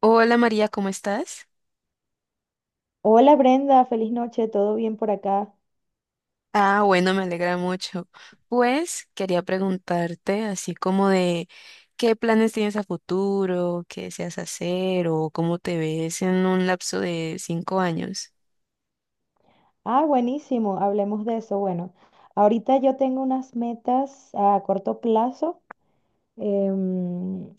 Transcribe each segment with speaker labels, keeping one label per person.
Speaker 1: Hola María, ¿cómo estás?
Speaker 2: Hola Brenda, feliz noche, ¿todo bien por acá?
Speaker 1: Ah, bueno, me alegra mucho. Pues quería preguntarte así como de qué planes tienes a futuro, qué deseas hacer o cómo te ves en un lapso de 5 años.
Speaker 2: Ah, buenísimo, hablemos de eso. Bueno, ahorita yo tengo unas metas a corto plazo. em,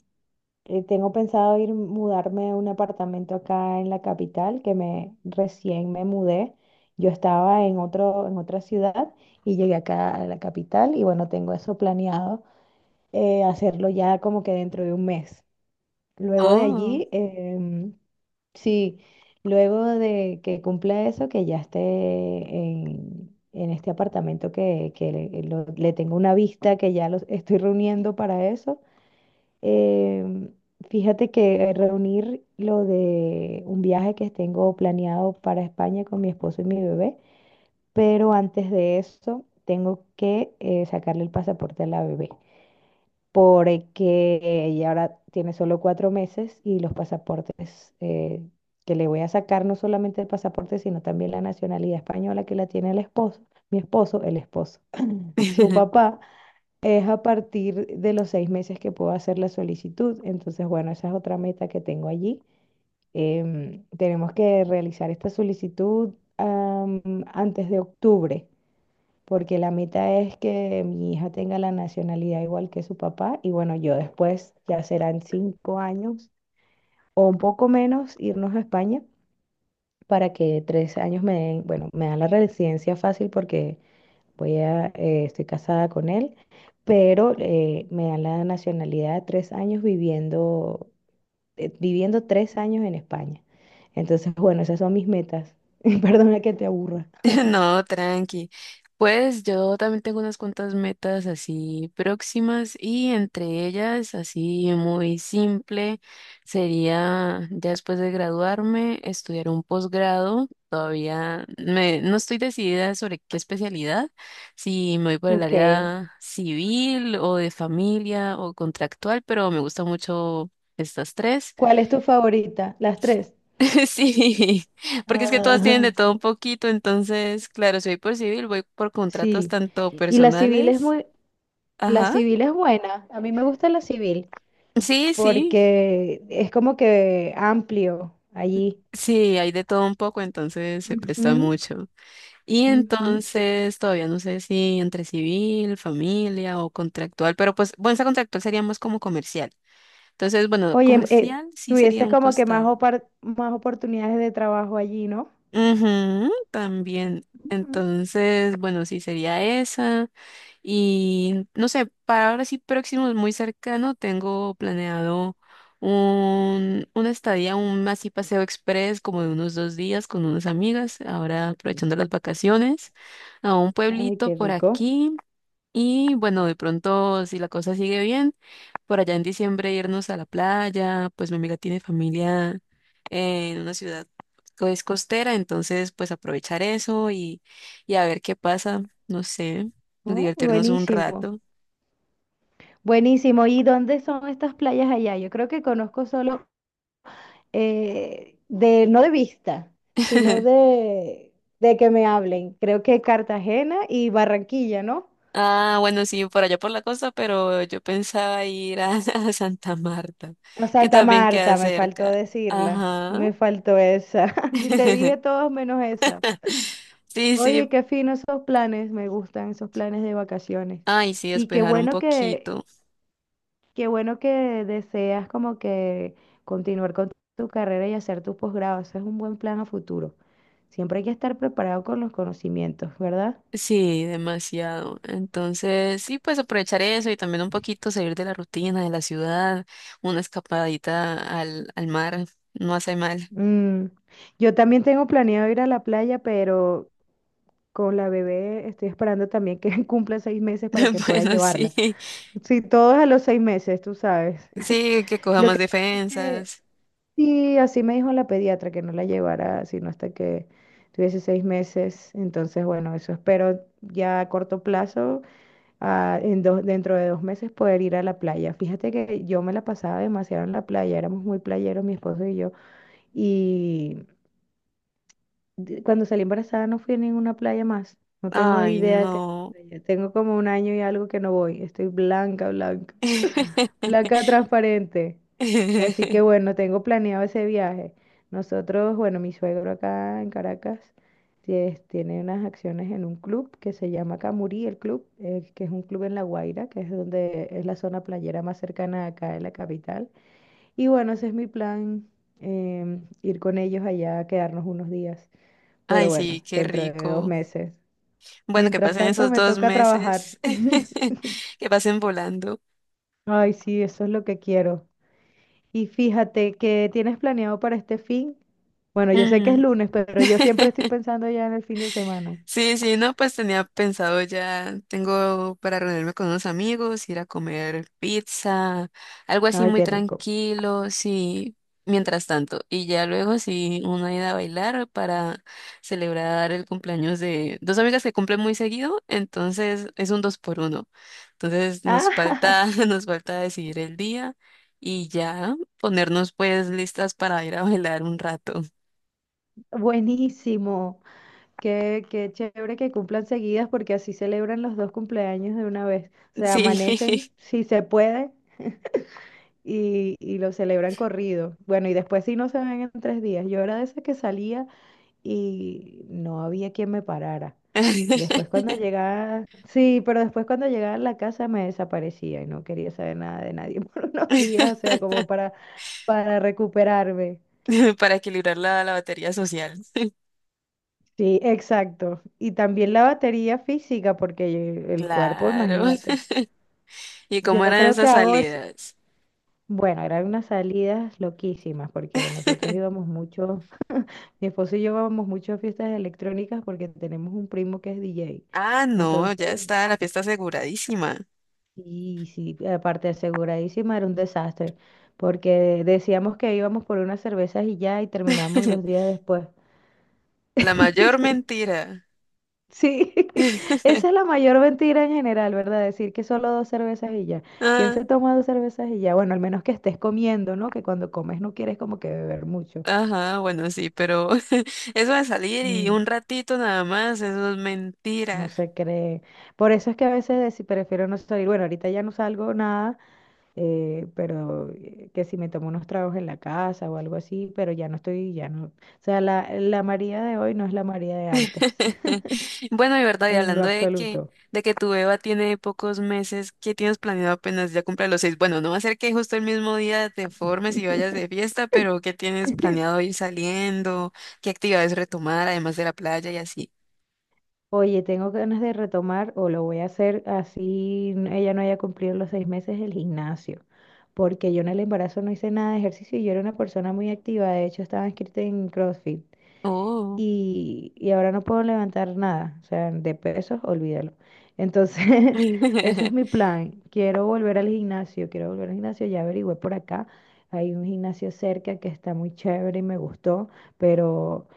Speaker 2: tengo pensado ir mudarme a un apartamento acá en la capital, que me recién me mudé. Yo estaba en otra ciudad y llegué acá a la capital y bueno, tengo eso planeado, hacerlo ya como que dentro de un mes. Luego de
Speaker 1: Oh.
Speaker 2: allí, sí, luego de que cumpla eso, que ya esté en este apartamento le tengo una vista, que ya los estoy reuniendo para eso. em, Fíjate que reunir lo de un viaje que tengo planeado para España con mi esposo y mi bebé, pero antes de eso tengo que sacarle el pasaporte a la bebé porque ella ahora tiene solo 4 meses y los pasaportes que le voy a sacar, no solamente el pasaporte, sino también la nacionalidad española que la tiene el esposo, mi esposo, el esposo, su papá, es a partir de los 6 meses que puedo hacer la solicitud. Entonces, bueno, esa es otra meta que tengo allí. Tenemos que realizar esta solicitud antes de octubre porque la meta es que mi hija tenga la nacionalidad igual que su papá y bueno, yo después, ya serán 5 años o un poco menos, irnos a España para que 3 años me den, bueno, me dan la residencia fácil porque estoy casada con él, pero me dan la nacionalidad de 3 años viviendo 3 años en España. Entonces, bueno, esas son mis metas. Perdona que te aburra.
Speaker 1: No, tranqui. Pues yo también tengo unas cuantas metas así próximas y entre ellas, así muy simple, sería ya después de graduarme, estudiar un posgrado. No estoy decidida sobre qué especialidad, si me voy por el
Speaker 2: Ok.
Speaker 1: área civil o de familia o contractual, pero me gusta mucho estas tres.
Speaker 2: ¿Cuál es tu favorita? Las tres.
Speaker 1: Sí, porque es que todas
Speaker 2: Ajá,
Speaker 1: tienen de todo un poquito, entonces, claro, soy por civil, voy por contratos
Speaker 2: sí.
Speaker 1: tanto
Speaker 2: Y
Speaker 1: personales.
Speaker 2: la
Speaker 1: Ajá.
Speaker 2: civil es buena. A mí me gusta la civil
Speaker 1: Sí, sí,
Speaker 2: porque es como que amplio allí.
Speaker 1: sí, hay de todo un poco, entonces se presta
Speaker 2: Ujú,
Speaker 1: mucho. Y
Speaker 2: ujú.
Speaker 1: entonces todavía no sé si entre civil, familia o contractual, pero pues, bueno, esa contractual sería más como comercial. Entonces, bueno,
Speaker 2: Oye,
Speaker 1: comercial sí sería
Speaker 2: tuvieses
Speaker 1: un
Speaker 2: como que
Speaker 1: costado.
Speaker 2: más oportunidades de trabajo allí, ¿no?
Speaker 1: Ujú, también.
Speaker 2: Ujú.
Speaker 1: Entonces, bueno, sí sería esa. Y no sé, para ahora sí próximo, muy cercano, tengo planeado una estadía, un así paseo express como de unos 2 días con unas amigas, ahora aprovechando las vacaciones, a un
Speaker 2: Ay,
Speaker 1: pueblito
Speaker 2: qué
Speaker 1: por
Speaker 2: rico.
Speaker 1: aquí. Y bueno, de pronto, si la cosa sigue bien por allá en diciembre irnos a la playa, pues mi amiga tiene familia en una ciudad que es costera, entonces pues aprovechar eso y a ver qué pasa, no sé,
Speaker 2: Oh,
Speaker 1: divertirnos un
Speaker 2: buenísimo.
Speaker 1: rato.
Speaker 2: Buenísimo. ¿Y dónde son estas playas allá? Yo creo que conozco solo no de vista, sino de que me hablen. Creo que Cartagena y Barranquilla, ¿no?
Speaker 1: Ah, bueno, sí, por allá por la costa, pero yo pensaba a Santa Marta,
Speaker 2: A
Speaker 1: que
Speaker 2: Santa
Speaker 1: también queda
Speaker 2: Marta, me faltó
Speaker 1: cerca.
Speaker 2: decirla,
Speaker 1: Ajá.
Speaker 2: me faltó esa. Te dije todos menos esa.
Speaker 1: Sí,
Speaker 2: Oye,
Speaker 1: sí.
Speaker 2: qué fino esos planes, me gustan esos planes de vacaciones.
Speaker 1: Ay, sí,
Speaker 2: Y qué
Speaker 1: despejar un
Speaker 2: bueno que,
Speaker 1: poquito.
Speaker 2: qué bueno que deseas como que continuar con tu carrera y hacer tu posgrado. Ese es un buen plan a futuro. Siempre hay que estar preparado con los conocimientos, ¿verdad?
Speaker 1: Sí, demasiado. Entonces, sí, pues aprovechar eso y también un poquito salir de la rutina, de la ciudad, una escapadita al mar, no hace mal.
Speaker 2: Mm, Yo también tengo planeado ir a la playa, pero con la bebé estoy esperando también que cumpla 6 meses para que pueda
Speaker 1: Bueno, sí,
Speaker 2: llevarla. Sí, todo es a los 6 meses, tú sabes.
Speaker 1: sí, que coja
Speaker 2: Lo
Speaker 1: más
Speaker 2: que pasa es que
Speaker 1: defensas.
Speaker 2: sí, así me dijo la pediatra que no la llevara sino hasta que tuviese 6 meses. Entonces, bueno, eso espero ya a corto plazo, dentro de 2 meses poder ir a la playa. Fíjate que yo me la pasaba demasiado en la playa, éramos muy playeros, mi esposo y yo. Y cuando salí embarazada no fui a ninguna playa más. No tengo
Speaker 1: Ay,
Speaker 2: idea que
Speaker 1: no.
Speaker 2: tengo como un año y algo que no voy. Estoy blanca, blanca, blanca transparente. Así que bueno, tengo planeado ese viaje. Nosotros, bueno, mi suegro acá en Caracas tiene unas acciones en un club que se llama Camurí, el club, que es un club en La Guaira, que es donde es la zona playera más cercana acá de la capital. Y bueno, ese es mi plan, ir con ellos allá, quedarnos unos días. Pero
Speaker 1: Ay,
Speaker 2: bueno,
Speaker 1: sí, qué
Speaker 2: dentro de dos
Speaker 1: rico.
Speaker 2: meses.
Speaker 1: Bueno, que
Speaker 2: Mientras
Speaker 1: pasen
Speaker 2: tanto,
Speaker 1: esos
Speaker 2: me
Speaker 1: dos
Speaker 2: toca trabajar.
Speaker 1: meses, que pasen volando.
Speaker 2: Ay, sí, eso es lo que quiero. Y fíjate, ¿qué tienes planeado para este fin? Bueno, yo sé que es
Speaker 1: Mm.
Speaker 2: lunes, pero yo siempre estoy pensando ya en el fin de semana.
Speaker 1: Sí, sí, no, pues tenía pensado ya, tengo para reunirme con unos amigos, ir a comer pizza, algo así
Speaker 2: Ay,
Speaker 1: muy
Speaker 2: qué rico.
Speaker 1: tranquilo, sí, mientras tanto. Y ya luego sí, una ida a bailar para celebrar el cumpleaños de dos amigas que cumplen muy seguido, entonces es un dos por uno. Entonces nos
Speaker 2: Ah,
Speaker 1: falta, nos falta decidir el día y ya ponernos pues listas para ir a bailar un rato.
Speaker 2: buenísimo. Qué chévere que cumplan seguidas porque así celebran los dos cumpleaños de una vez. O sea,
Speaker 1: Sí.
Speaker 2: amanecen si se puede y, lo celebran corrido. Bueno, y después si no se ven en 3 días. Yo era de esas que salía y no había quien me parara. Después cuando llegaba, sí, pero después cuando llegaba a la casa me desaparecía y no quería saber nada de nadie por unos días, o sea, como para recuperarme.
Speaker 1: para equilibrar la batería social.
Speaker 2: Sí, exacto. Y también la batería física, porque el cuerpo,
Speaker 1: Claro.
Speaker 2: imagínate.
Speaker 1: ¿Y
Speaker 2: Yo
Speaker 1: cómo eran
Speaker 2: creo que
Speaker 1: esas
Speaker 2: hago es,
Speaker 1: salidas?
Speaker 2: bueno, eran unas salidas loquísimas, porque nosotros íbamos mucho, mi esposo y yo íbamos mucho a fiestas electrónicas porque tenemos un primo que es DJ.
Speaker 1: Ah, no, ya
Speaker 2: Entonces,
Speaker 1: está la fiesta aseguradísima.
Speaker 2: y sí, aparte aseguradísima era un desastre, porque decíamos que íbamos por unas cervezas y ya, y terminamos dos días después.
Speaker 1: La mayor mentira.
Speaker 2: Sí, esa es la mayor mentira en general, ¿verdad? Decir que solo dos cervezas y ya. ¿Quién
Speaker 1: Ah,
Speaker 2: se toma dos cervezas y ya? Bueno, al menos que estés comiendo, ¿no? Que cuando comes no quieres como que beber mucho.
Speaker 1: ajá, bueno, sí, pero eso de salir y
Speaker 2: Mm,
Speaker 1: un ratito nada más, eso es
Speaker 2: no
Speaker 1: mentira.
Speaker 2: se cree. Por eso es que a veces prefiero no salir. Bueno, ahorita ya no salgo nada, pero que si me tomo unos tragos en la casa o algo así, pero ya no estoy, ya no. O sea, la María de hoy no es la María de antes,
Speaker 1: Bueno, y verdad, y
Speaker 2: en lo
Speaker 1: hablando
Speaker 2: absoluto.
Speaker 1: de que tu Eva tiene pocos meses, ¿qué tienes planeado apenas ya cumple los seis? Bueno, no va a ser que justo el mismo día te formes y vayas de fiesta, pero ¿qué tienes planeado ir saliendo? ¿Qué actividades retomar, además de la playa y así?
Speaker 2: Oye, tengo ganas de retomar o lo voy a hacer así ella no haya cumplido los 6 meses el gimnasio, porque yo en el embarazo no hice nada de ejercicio y yo era una persona muy activa, de hecho estaba inscrita en CrossFit.
Speaker 1: Oh,
Speaker 2: Y ahora no puedo levantar nada, o sea, de pesos, olvídalo. Entonces, ese es mi plan. Quiero volver al gimnasio, quiero volver al gimnasio, ya averigüé por acá. Hay un gimnasio cerca que está muy chévere y me gustó, pero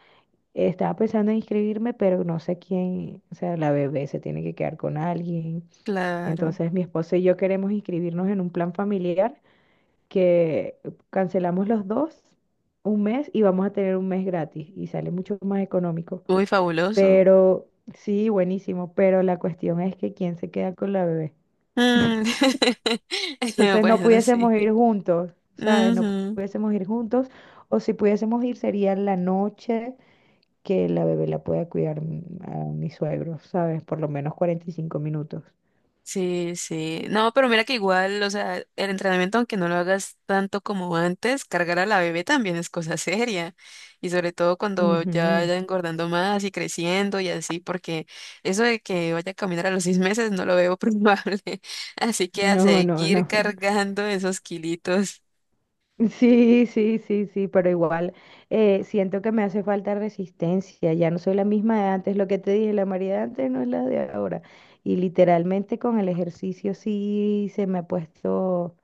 Speaker 2: estaba pensando en inscribirme, pero no sé quién, o sea, la bebé se tiene que quedar con alguien.
Speaker 1: claro,
Speaker 2: Entonces, mi esposo y yo queremos inscribirnos en un plan familiar que cancelamos los dos un mes y vamos a tener un mes gratis y sale mucho más económico.
Speaker 1: muy fabuloso.
Speaker 2: Pero sí, buenísimo, pero la cuestión es que quién se queda con la bebé.
Speaker 1: Mm.
Speaker 2: Entonces no
Speaker 1: Bueno, sí.
Speaker 2: pudiésemos ir juntos, ¿sabes? No
Speaker 1: Ujú.
Speaker 2: pudiésemos ir juntos, o si pudiésemos ir sería la noche que la bebé la pueda cuidar, a mi suegro, ¿sabes? Por lo menos 45 minutos.
Speaker 1: Sí, sí. No, pero mira que igual, o sea, el entrenamiento, aunque no lo hagas tanto como antes, cargar a la bebé también es cosa seria. Y sobre todo cuando ya
Speaker 2: Ujú.
Speaker 1: vaya engordando más y creciendo y así, porque eso de que vaya a caminar a los 6 meses no lo veo probable. Así que a
Speaker 2: No, no,
Speaker 1: seguir
Speaker 2: no.
Speaker 1: cargando esos kilitos.
Speaker 2: Sí, sí, sí, sí, pero igual, siento que me hace falta resistencia, ya no soy la misma de antes, lo que te dije, la María de antes no es la de ahora. Y literalmente con el ejercicio sí se me ha puesto,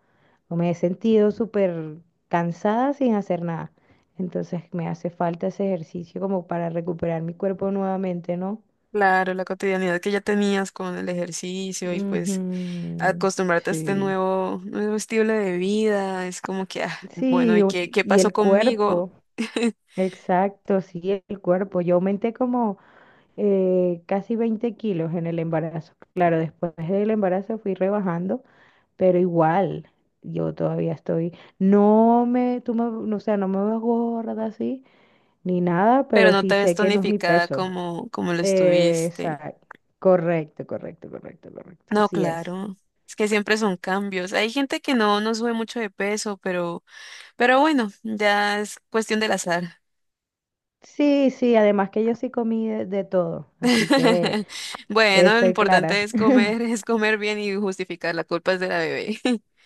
Speaker 2: o me he sentido súper cansada sin hacer nada. Entonces me hace falta ese ejercicio como para recuperar mi cuerpo nuevamente, ¿no?
Speaker 1: Claro, la cotidianidad que ya tenías con el ejercicio y pues
Speaker 2: Ujú,
Speaker 1: acostumbrarte a este
Speaker 2: sí.
Speaker 1: nuevo estilo de vida, es como que, ah, bueno,
Speaker 2: Sí,
Speaker 1: ¿y qué
Speaker 2: y
Speaker 1: pasó
Speaker 2: el
Speaker 1: conmigo?
Speaker 2: cuerpo, exacto, sí, el cuerpo. Yo aumenté como casi 20 kilos en el embarazo. Claro, después del embarazo fui rebajando, pero igual, yo todavía estoy, no me, tú me, no, o sea, no me veo gorda así, ni nada,
Speaker 1: Pero
Speaker 2: pero
Speaker 1: no
Speaker 2: sí
Speaker 1: te ves
Speaker 2: sé que no es mi
Speaker 1: tonificada
Speaker 2: peso.
Speaker 1: como lo estuviste.
Speaker 2: Exacto, correcto, correcto, correcto, correcto,
Speaker 1: No,
Speaker 2: así es.
Speaker 1: claro. Es que siempre son cambios. Hay gente que no sube mucho de peso, pero bueno, ya es cuestión del azar.
Speaker 2: Sí, sí, además que yo sí comí de todo, así que
Speaker 1: Bueno, lo
Speaker 2: estoy
Speaker 1: importante
Speaker 2: clara.
Speaker 1: es comer, es comer bien y justificar la culpa es de la bebé.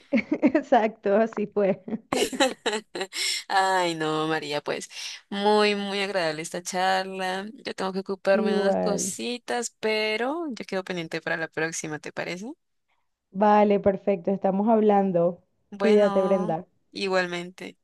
Speaker 2: Exacto, así fue.
Speaker 1: Ay, no, María, pues muy, muy agradable esta charla. Yo tengo que ocuparme de unas
Speaker 2: Igual.
Speaker 1: cositas, pero yo quedo pendiente para la próxima, ¿te parece?
Speaker 2: Vale, perfecto, estamos hablando. Cuídate,
Speaker 1: Bueno,
Speaker 2: Brenda.
Speaker 1: igualmente.